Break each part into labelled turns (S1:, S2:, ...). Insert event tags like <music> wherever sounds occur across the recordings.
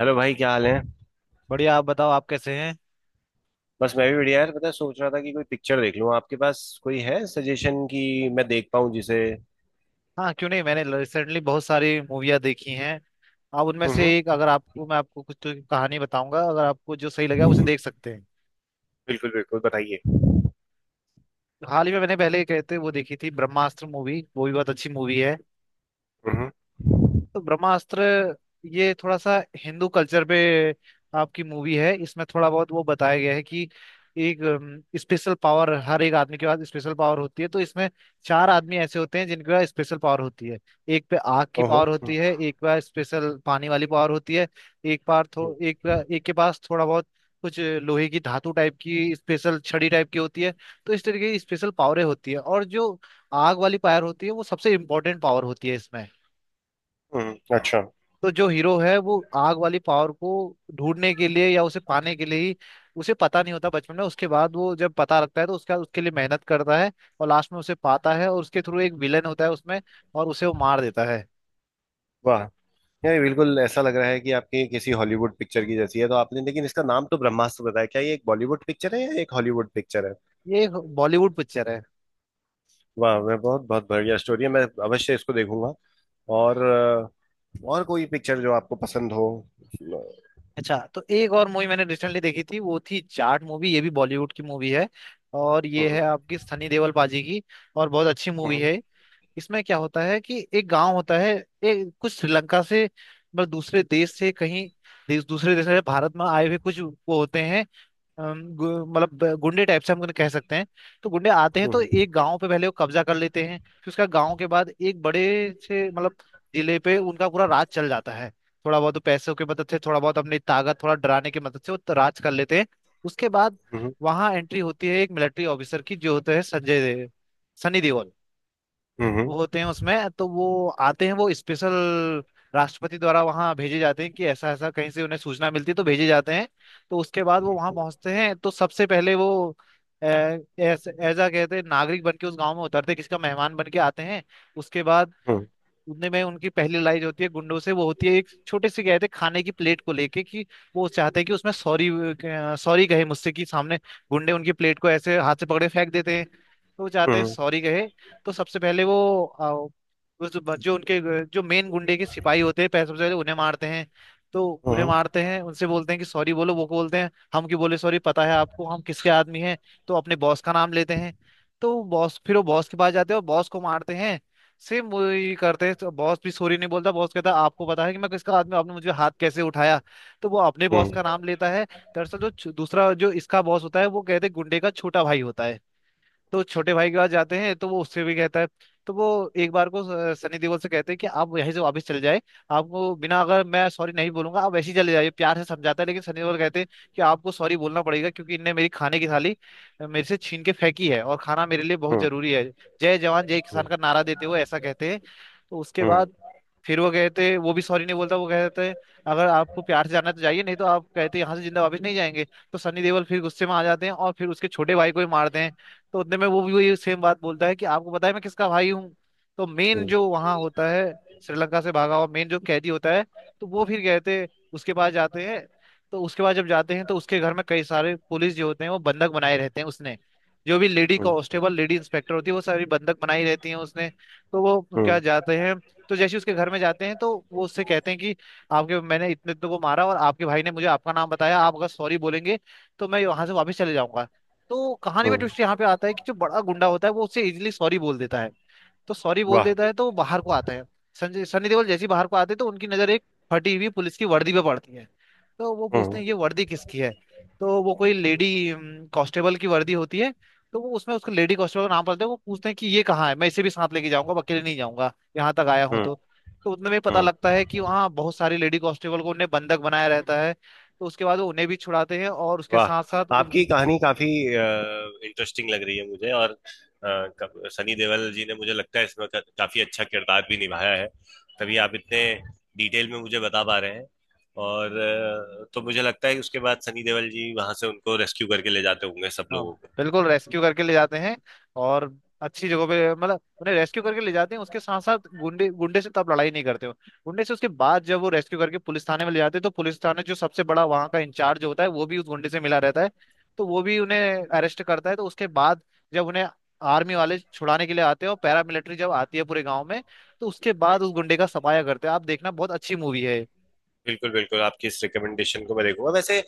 S1: Hello भाई, क्या हाल है।
S2: बढ़िया। आप बताओ, आप कैसे हैं।
S1: बस मैं भी बढ़िया यार, पता है सोच रहा था कि कोई पिक्चर देख लूं। आपके पास कोई है सजेशन कि मैं देख पाऊं जिसे।
S2: हाँ क्यों नहीं, मैंने रिसेंटली बहुत सारी मूवियाँ देखी हैं। आप उनमें से
S1: हम्म।
S2: एक, अगर आपको मैं आपको कुछ तो कहानी बताऊंगा, अगर आपको जो सही लगा उसे देख सकते हैं।
S1: बिल्कुल बिल्कुल, बताइए।
S2: हाल ही में मैंने पहले कहते वो देखी थी ब्रह्मास्त्र मूवी, वो भी बहुत अच्छी मूवी है।
S1: हम्म हम्म।
S2: तो ब्रह्मास्त्र, ये थोड़ा सा हिंदू कल्चर पे आपकी मूवी है। इसमें थोड़ा बहुत वो बताया गया है कि एक स्पेशल पावर, हर एक आदमी के पास स्पेशल पावर होती है। तो इसमें 4 आदमी ऐसे होते हैं जिनके पास स्पेशल पावर होती है। एक पे आग की
S1: ओहो
S2: पावर होती
S1: हम्म।
S2: है, एक पे पास स्पेशल पानी वाली पावर होती है। एक पार थो
S1: हम्म,
S2: एक पे- एक के पास थोड़ा बहुत कुछ लोहे की धातु टाइप की स्पेशल छड़ी टाइप की होती है। तो इस तरीके की स्पेशल पावरें होती है, और जो आग वाली पावर होती है वो सबसे इम्पोर्टेंट पावर होती है इसमें।
S1: अच्छा।
S2: तो जो हीरो है वो आग वाली पावर को ढूंढने के लिए या उसे पाने के लिए ही, उसे पता नहीं होता बचपन में। उसके बाद वो जब पता लगता है तो उसका उसके लिए मेहनत करता है, और लास्ट में उसे पाता है। और उसके थ्रू एक विलन होता है उसमें, और उसे वो मार देता है।
S1: वाह यार, ये बिल्कुल ऐसा लग रहा है कि आपकी किसी हॉलीवुड पिक्चर की जैसी है तो आपने। लेकिन इसका नाम तो ब्रह्मास्त्र बताया, क्या ये एक बॉलीवुड पिक्चर है या एक हॉलीवुड पिक्चर है?
S2: ये एक बॉलीवुड पिक्चर है।
S1: वाह। मैं बहुत बहुत बढ़िया स्टोरी है, मैं अवश्य इसको देखूंगा। और और कोई पिक्चर जो आपको पसंद हो।
S2: अच्छा, तो एक और मूवी मैंने रिसेंटली देखी थी, वो थी जाट मूवी। ये भी बॉलीवुड की मूवी है, और ये है
S1: हम्म।
S2: आपकी सनी देओल पाजी की। और बहुत अच्छी मूवी
S1: हम्म।
S2: है। इसमें क्या होता है कि एक गांव होता है। एक कुछ श्रीलंका से मतलब दूसरे देश से कहीं, देश दूसरे देश से भारत में आए हुए कुछ वो होते हैं। मतलब गुंडे टाइप से हम उन्हें कह सकते हैं। तो गुंडे आते हैं, तो
S1: हम्म।
S2: एक गांव पे पहले वो कब्जा कर लेते हैं। फिर उसका गांव के बाद एक बड़े से मतलब जिले पे उनका पूरा राज चल जाता है। थोड़ा बहुत तो पैसों की मदद से, थोड़ा बहुत अपनी ताकत, थोड़ा डराने की मदद से वो राज कर लेते हैं। उसके बाद
S1: हम्म।
S2: वहां एंट्री होती है एक मिलिट्री ऑफिसर की जो होता है सनी देओल।
S1: हम्म, हम्म,
S2: वो होते हैं उसमें। तो वो आते हैं, वो स्पेशल राष्ट्रपति द्वारा वहां भेजे जाते हैं कि ऐसा ऐसा कहीं से उन्हें सूचना मिलती है तो भेजे जाते हैं। तो उसके बाद वो वहां
S1: हम्म।
S2: पहुंचते हैं, तो सबसे पहले वो ऐसा कहते हैं नागरिक बन के उस गांव में उतरते हैं, किसी का मेहमान बन के आते हैं। उसके बाद उतने में उनकी पहली लड़ाई जो होती है गुंडों से वो होती है एक छोटे से कहते हैं खाने की प्लेट को लेके, कि वो चाहते हैं कि उसमें सॉरी, सॉरी कहे मुझसे कि सामने गुंडे उनकी प्लेट को ऐसे हाथ से पकड़े फेंक देते हैं। तो वो जाते
S1: हम्म।
S2: सॉरी कहे। तो सबसे पहले वो जो मेन गुंडे के सिपाही होते हैं सबसे पहले उन्हें मारते हैं। तो उन्हें
S1: हम्म।
S2: मारते हैं, उनसे बोलते हैं कि सॉरी बोलो। वो को बोलते हैं हम क्यों बोले सॉरी, पता है आपको हम किसके आदमी हैं। तो अपने बॉस का नाम लेते हैं। तो बॉस, फिर वो बॉस के पास जाते हैं और बॉस को मारते हैं। सेम वही करते हैं, तो बॉस भी सॉरी नहीं बोलता। बॉस कहता है आपको पता है कि मैं किसका आदमी हूँ? आपने मुझे हाथ कैसे उठाया। तो वो अपने बॉस
S1: हम्म।
S2: का नाम लेता है। दरअसल जो दूसरा जो इसका बॉस होता है वो कहते हैं गुंडे का छोटा भाई होता है। तो छोटे भाई के पास जाते हैं, तो वो उससे भी कहता है। तो वो एक बार को सनी देओल से कहते हैं कि आप यहीं से वापस चले जाए। आपको बिना अगर मैं सॉरी नहीं बोलूंगा आप वैसे ही चले जाइए, प्यार से समझाता है। लेकिन सनी देओल कहते हैं कि आपको सॉरी बोलना पड़ेगा, क्योंकि इनने मेरी खाने की थाली मेरे से छीन के फेंकी है, और खाना मेरे लिए बहुत
S1: हम्म।
S2: जरूरी है। जय जवान जय किसान
S1: हम्म।
S2: का नारा देते हुए ऐसा कहते हैं। तो उसके
S1: हम्म।
S2: बाद फिर वो कहते, वो भी सॉरी नहीं बोलता। वो कहते हैं अगर आपको प्यार से जाना है तो जाइए, नहीं तो आप कहते हैं यहाँ से जिंदा वापस नहीं जाएंगे। तो सनी देओल फिर गुस्से में आ जाते हैं और फिर उसके छोटे भाई को ही मारते हैं। तो उतने में वो भी वही सेम बात बोलता है कि आपको पता है मैं किसका भाई हूँ। तो मेन
S1: हम्म।
S2: जो वहां होता है, श्रीलंका से भागा हुआ मेन जो कैदी होता है, तो वो फिर कहते उसके पास जाते हैं। तो उसके बाद जब जाते हैं तो उसके घर में कई सारे पुलिस जो होते हैं वो बंधक बनाए रहते हैं उसने। जो भी लेडी
S1: हम्म।
S2: कांस्टेबल, लेडी इंस्पेक्टर होती है वो सारी बंधक बनाई रहती हैं उसने। तो वो उनके यहाँ
S1: हम्म।
S2: जाते हैं। तो जैसे ही उसके घर में जाते हैं तो वो उससे कहते हैं कि आपके मैंने इतने इतने को मारा और आपके भाई ने मुझे आपका नाम बताया, आप अगर सॉरी बोलेंगे तो मैं वहां से वापस चले जाऊंगा। तो कहानी में
S1: हम्म।
S2: ट्विस्ट यहाँ पे आता है कि जो बड़ा गुंडा होता है वो उससे इजीली सॉरी बोल देता है। तो सॉरी बोल
S1: वाह।
S2: देता है, तो वो बाहर को आता है। संजय सनी देओल जैसे ही बाहर को आते हैं तो उनकी नजर एक फटी हुई पुलिस की वर्दी पे पड़ती है। तो वो पूछते
S1: हम्म।
S2: हैं ये वर्दी किसकी है। तो वो कोई लेडी कांस्टेबल की वर्दी होती है। तो वो उसमें उसको लेडी कांस्टेबल का नाम पड़ता है। वो पूछते हैं कि ये कहाँ है, मैं इसे भी साथ लेके जाऊंगा, मैं अकेले नहीं जाऊंगा, यहाँ तक आया हूँ
S1: हम्म।
S2: तो। तो उतने में पता
S1: हम्म।
S2: लगता है कि वहाँ बहुत सारी लेडी कांस्टेबल को उन्हें बंधक बनाया रहता है। तो उसके बाद वो उन्हें भी छुड़ाते हैं और उसके साथ साथ।
S1: वाह। आपकी कहानी काफी इंटरेस्टिंग लग रही है मुझे, और अ, सनी देओल जी ने मुझे लगता है इसमें काफी अच्छा किरदार भी निभाया है, तभी आप इतने डिटेल में मुझे बता पा रहे हैं। और तो मुझे लगता है कि उसके बाद सनी देओल जी वहां से उनको रेस्क्यू करके ले जाते होंगे सब
S2: हाँ,
S1: लोगों।
S2: बिल्कुल रेस्क्यू करके ले जाते हैं। और अच्छी जगह पे मतलब उन्हें रेस्क्यू करके ले जाते हैं। उसके साथ साथ गुंडे, गुंडे से तब लड़ाई नहीं करते हो। गुंडे से उसके बाद जब वो रेस्क्यू करके पुलिस थाने में ले जाते हैं तो पुलिस थाने जो सबसे बड़ा वहाँ का इंचार्ज होता है वो भी उस गुंडे से मिला रहता है। तो वो भी उन्हें अरेस्ट करता है। तो उसके बाद जब उन्हें आर्मी वाले छुड़ाने के लिए आते हैं और पैरामिलिट्री जब आती है पूरे गाँव में, तो उसके बाद उस गुंडे का सफाया करते हैं। आप देखना, बहुत अच्छी मूवी है।
S1: बिल्कुल बिल्कुल, आपकी इस रिकमेंडेशन को मैं देखूंगा। वैसे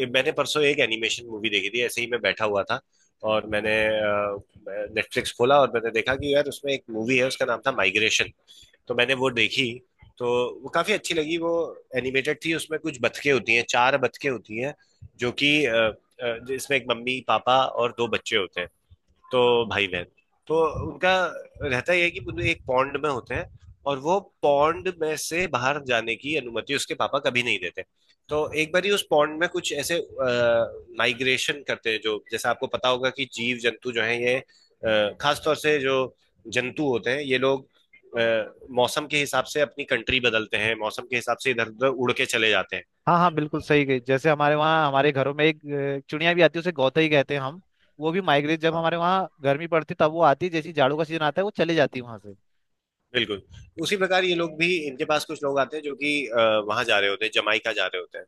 S1: ये मैंने परसों एक एनिमेशन मूवी देखी थी, ऐसे ही मैं बैठा हुआ था और मैंने नेटफ्लिक्स खोला और मैंने देखा कि यार उसमें एक मूवी है, उसका नाम था माइग्रेशन। तो मैंने वो देखी। तो वो काफी अच्छी लगी वो। एनिमेटेड थी, उसमें कुछ बतखें होती हैं, चार बतखें होती हैं, जो कि इसमें एक मम्मी पापा और दो बच्चे होते हैं। तो भाई बहन। तो उनका रहता यह है कि वो एक पॉन्ड में होते हैं, और वो पॉन्ड में से बाहर जाने की अनुमति उसके पापा कभी नहीं देते। तो एक बार ही उस पॉन्ड में कुछ ऐसे माइग्रेशन करते हैं, जो जैसे आपको पता होगा कि जीव जंतु जो है ये खासतौर से जो जंतु होते हैं, ये लोग अ, मौसम के हिसाब से अपनी कंट्री बदलते हैं, मौसम के हिसाब से इधर उधर उड़ के चले जाते
S2: हाँ हाँ बिल्कुल सही गई। जैसे हमारे वहाँ हमारे घरों में एक चिड़िया भी आती है, उसे गौतई कहते हैं हम। वो भी माइग्रेट, जब
S1: हैं।
S2: हमारे वहाँ गर्मी पड़ती तब वो आती है, जैसे ही जाड़ों का सीजन आता है वो चली जाती है वहाँ से।
S1: बिल्कुल उसी प्रकार ये लोग भी, इनके पास कुछ लोग आते हैं जो कि वहां जा रहे होते हैं, जमाइका जा रहे होते हैं।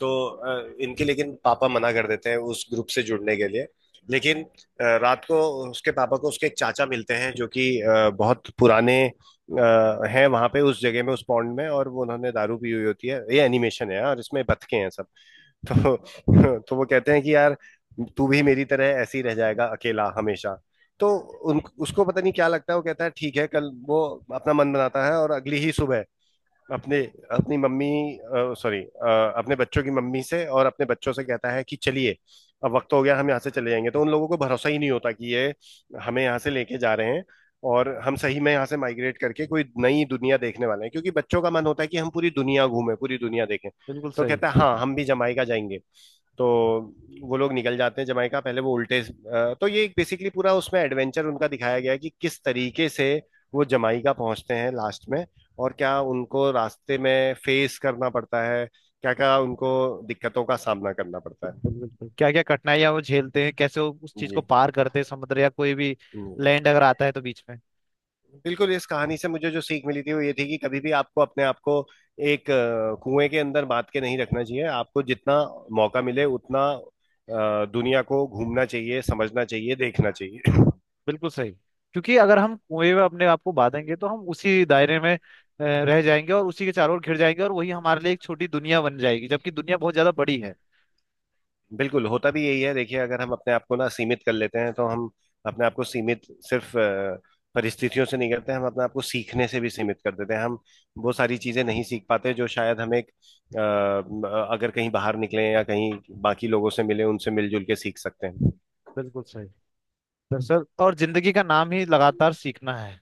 S1: तो इनके लेकिन पापा मना कर देते हैं उस ग्रुप से जुड़ने के लिए। लेकिन रात को उसके पापा को उसके एक चाचा मिलते हैं, जो कि बहुत पुराने हैं वहां पे उस जगह में उस पॉन्ड में, और वो उन्होंने दारू पी हुई होती है, ये एनिमेशन है और इसमें बतखे हैं सब। <laughs> तो वो कहते हैं कि यार, तू भी मेरी तरह ऐसे ही रह जाएगा अकेला हमेशा। तो उन उसको पता नहीं क्या लगता है, वो कहता है ठीक है। कल वो अपना मन बनाता है, और अगली ही सुबह अपने, अपनी मम्मी, सॉरी, अपने बच्चों की मम्मी से और अपने बच्चों से कहता है कि चलिए अब वक्त हो गया, हम यहाँ से चले जाएंगे। तो उन लोगों को भरोसा ही नहीं होता कि ये हमें यहाँ से लेके जा रहे हैं, और हम सही में यहाँ से माइग्रेट करके कोई नई दुनिया देखने वाले हैं, क्योंकि बच्चों का मन होता है कि हम पूरी दुनिया घूमें, पूरी दुनिया देखें।
S2: बिल्कुल
S1: तो
S2: सही।
S1: कहता है हाँ हम भी जमाइका जाएंगे। तो वो लोग निकल जाते हैं जमाइका। पहले वो उल्टे तो ये बेसिकली पूरा उसमें एडवेंचर उनका दिखाया गया है कि किस तरीके से वो जमाइका पहुंचते हैं लास्ट में, और क्या उनको रास्ते में फेस करना पड़ता है, क्या क्या उनको दिक्कतों का सामना करना पड़ता
S2: बिल्कुल
S1: है।
S2: बिल्कुल, क्या क्या कठिनाइयाँ वो झेलते हैं, कैसे वो उस चीज को
S1: जी।
S2: पार करते हैं, समुद्र या कोई भी
S1: जी।
S2: लैंड अगर आता है तो बीच में।
S1: बिल्कुल, इस कहानी से मुझे जो सीख मिली थी वो ये थी कि कभी भी आपको अपने आप को एक कुएं के अंदर बांध के नहीं रखना चाहिए। आपको जितना मौका मिले उतना दुनिया को घूमना चाहिए, समझना चाहिए, देखना चाहिए।
S2: बिल्कुल सही, क्योंकि अगर हम कुएं में अपने आप को बांधेंगे तो हम उसी दायरे में रह जाएंगे और उसी के चारों ओर घिर जाएंगे और वही हमारे लिए एक छोटी दुनिया बन जाएगी, जबकि दुनिया बहुत ज्यादा बड़ी है।
S1: बिल्कुल होता भी यही है। देखिए अगर हम अपने आप को ना सीमित कर लेते हैं, तो हम अपने आप को सीमित सिर्फ परिस्थितियों से नहीं करते, हम अपने आप को सीखने से भी सीमित कर देते हैं। हम वो सारी चीजें नहीं सीख पाते जो शायद हम एक अगर कहीं बाहर निकले या कहीं बाकी लोगों से मिले, उनसे मिलजुल के सीख सकते हैं।
S2: बिल्कुल सही। दरअसल, और जिंदगी का नाम ही लगातार सीखना है।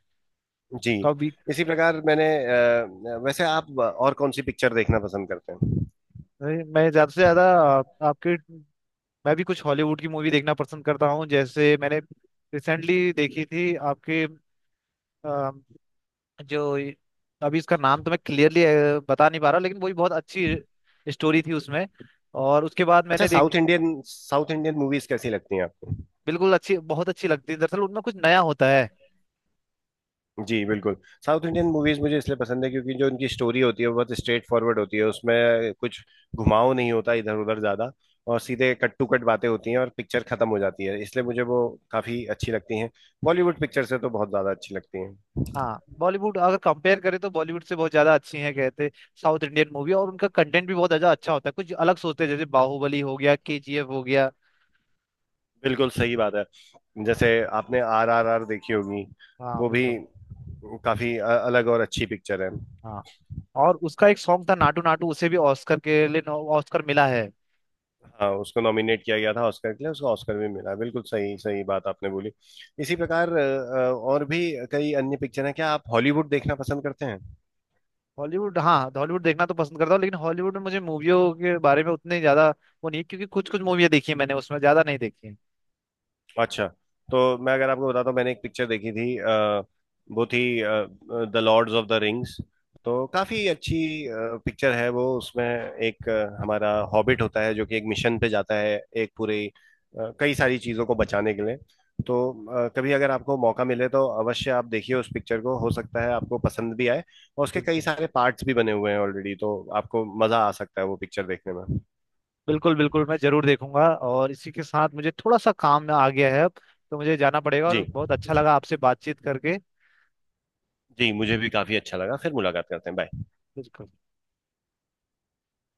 S1: जी।
S2: कभी।
S1: इसी प्रकार मैंने वैसे आप और कौन सी पिक्चर देखना पसंद करते हैं?
S2: नहीं, मैं ज्यादा से ज्यादा आपके मैं भी कुछ हॉलीवुड की मूवी देखना पसंद करता हूँ। जैसे मैंने रिसेंटली देखी थी आपके अ, जो ये- अभी इसका नाम तो मैं क्लियरली बता नहीं पा रहा, लेकिन वही बहुत अच्छी स्टोरी थी उसमें। और उसके बाद
S1: अच्छा।
S2: मैंने
S1: साउथ
S2: देखी।
S1: इंडियन, साउथ इंडियन मूवीज कैसी लगती हैं आपको?
S2: बिल्कुल अच्छी, बहुत अच्छी लगती है, दरअसल उनमें कुछ नया होता है।
S1: जी बिल्कुल। साउथ इंडियन मूवीज मुझे इसलिए पसंद है क्योंकि जो उनकी स्टोरी होती है वो बहुत स्ट्रेट फॉरवर्ड होती है, उसमें कुछ घुमाव नहीं होता इधर उधर ज्यादा, और सीधे कट टू कट बातें होती हैं और पिक्चर खत्म हो जाती है, इसलिए मुझे वो काफी अच्छी लगती हैं। बॉलीवुड पिक्चर से तो बहुत ज्यादा अच्छी लगती हैं।
S2: हाँ बॉलीवुड अगर कंपेयर करें तो बॉलीवुड से बहुत ज्यादा अच्छी है, कहते साउथ इंडियन मूवी। और उनका कंटेंट भी बहुत ज्यादा अच्छा होता है, कुछ अलग सोचते हैं, जैसे बाहुबली हो गया, केजीएफ हो गया।
S1: बिल्कुल सही बात है। जैसे आपने RRR देखी होगी,
S2: हाँ
S1: वो भी
S2: बिल्कुल।
S1: काफी अलग और अच्छी पिक्चर है।
S2: हाँ, और उसका एक सॉन्ग था नाटू नाटू, उसे भी ऑस्कर के लिए ऑस्कर मिला है।
S1: हाँ उसको नॉमिनेट किया गया था ऑस्कर के लिए, उसको ऑस्कर भी मिला, बिल्कुल सही सही बात आपने बोली। इसी प्रकार और भी कई अन्य पिक्चर हैं। क्या आप हॉलीवुड देखना पसंद करते हैं?
S2: हॉलीवुड, हाँ हॉलीवुड देखना तो पसंद करता हूँ, लेकिन हॉलीवुड में मुझे मूवियों के बारे में उतने ज्यादा वो नहीं, क्योंकि कुछ कुछ मूवियाँ देखी है मैंने, उसमें ज्यादा नहीं देखी है।
S1: अच्छा। तो मैं अगर आपको बताता हूँ, मैंने एक पिक्चर देखी थी वो थी the lords of the rings. तो काफी अच्छी पिक्चर है वो। उसमें एक हमारा हॉबिट होता है जो कि एक मिशन पे जाता है एक पूरी कई सारी चीजों को बचाने के लिए। तो कभी अगर आपको मौका मिले तो अवश्य आप देखिए उस पिक्चर को, हो सकता है आपको पसंद भी आए। और उसके कई
S2: बिल्कुल।
S1: सारे पार्ट्स भी बने हुए हैं ऑलरेडी, तो आपको मजा आ सकता है वो पिक्चर देखने में।
S2: बिल्कुल बिल्कुल, मैं जरूर देखूंगा। और इसी के साथ मुझे थोड़ा सा काम आ गया है अब, तो मुझे जाना पड़ेगा। और
S1: जी।
S2: बहुत अच्छा लगा आपसे बातचीत करके।
S1: जी, मुझे भी काफी अच्छा लगा, फिर मुलाकात करते हैं, बाय।
S2: बिल्कुल।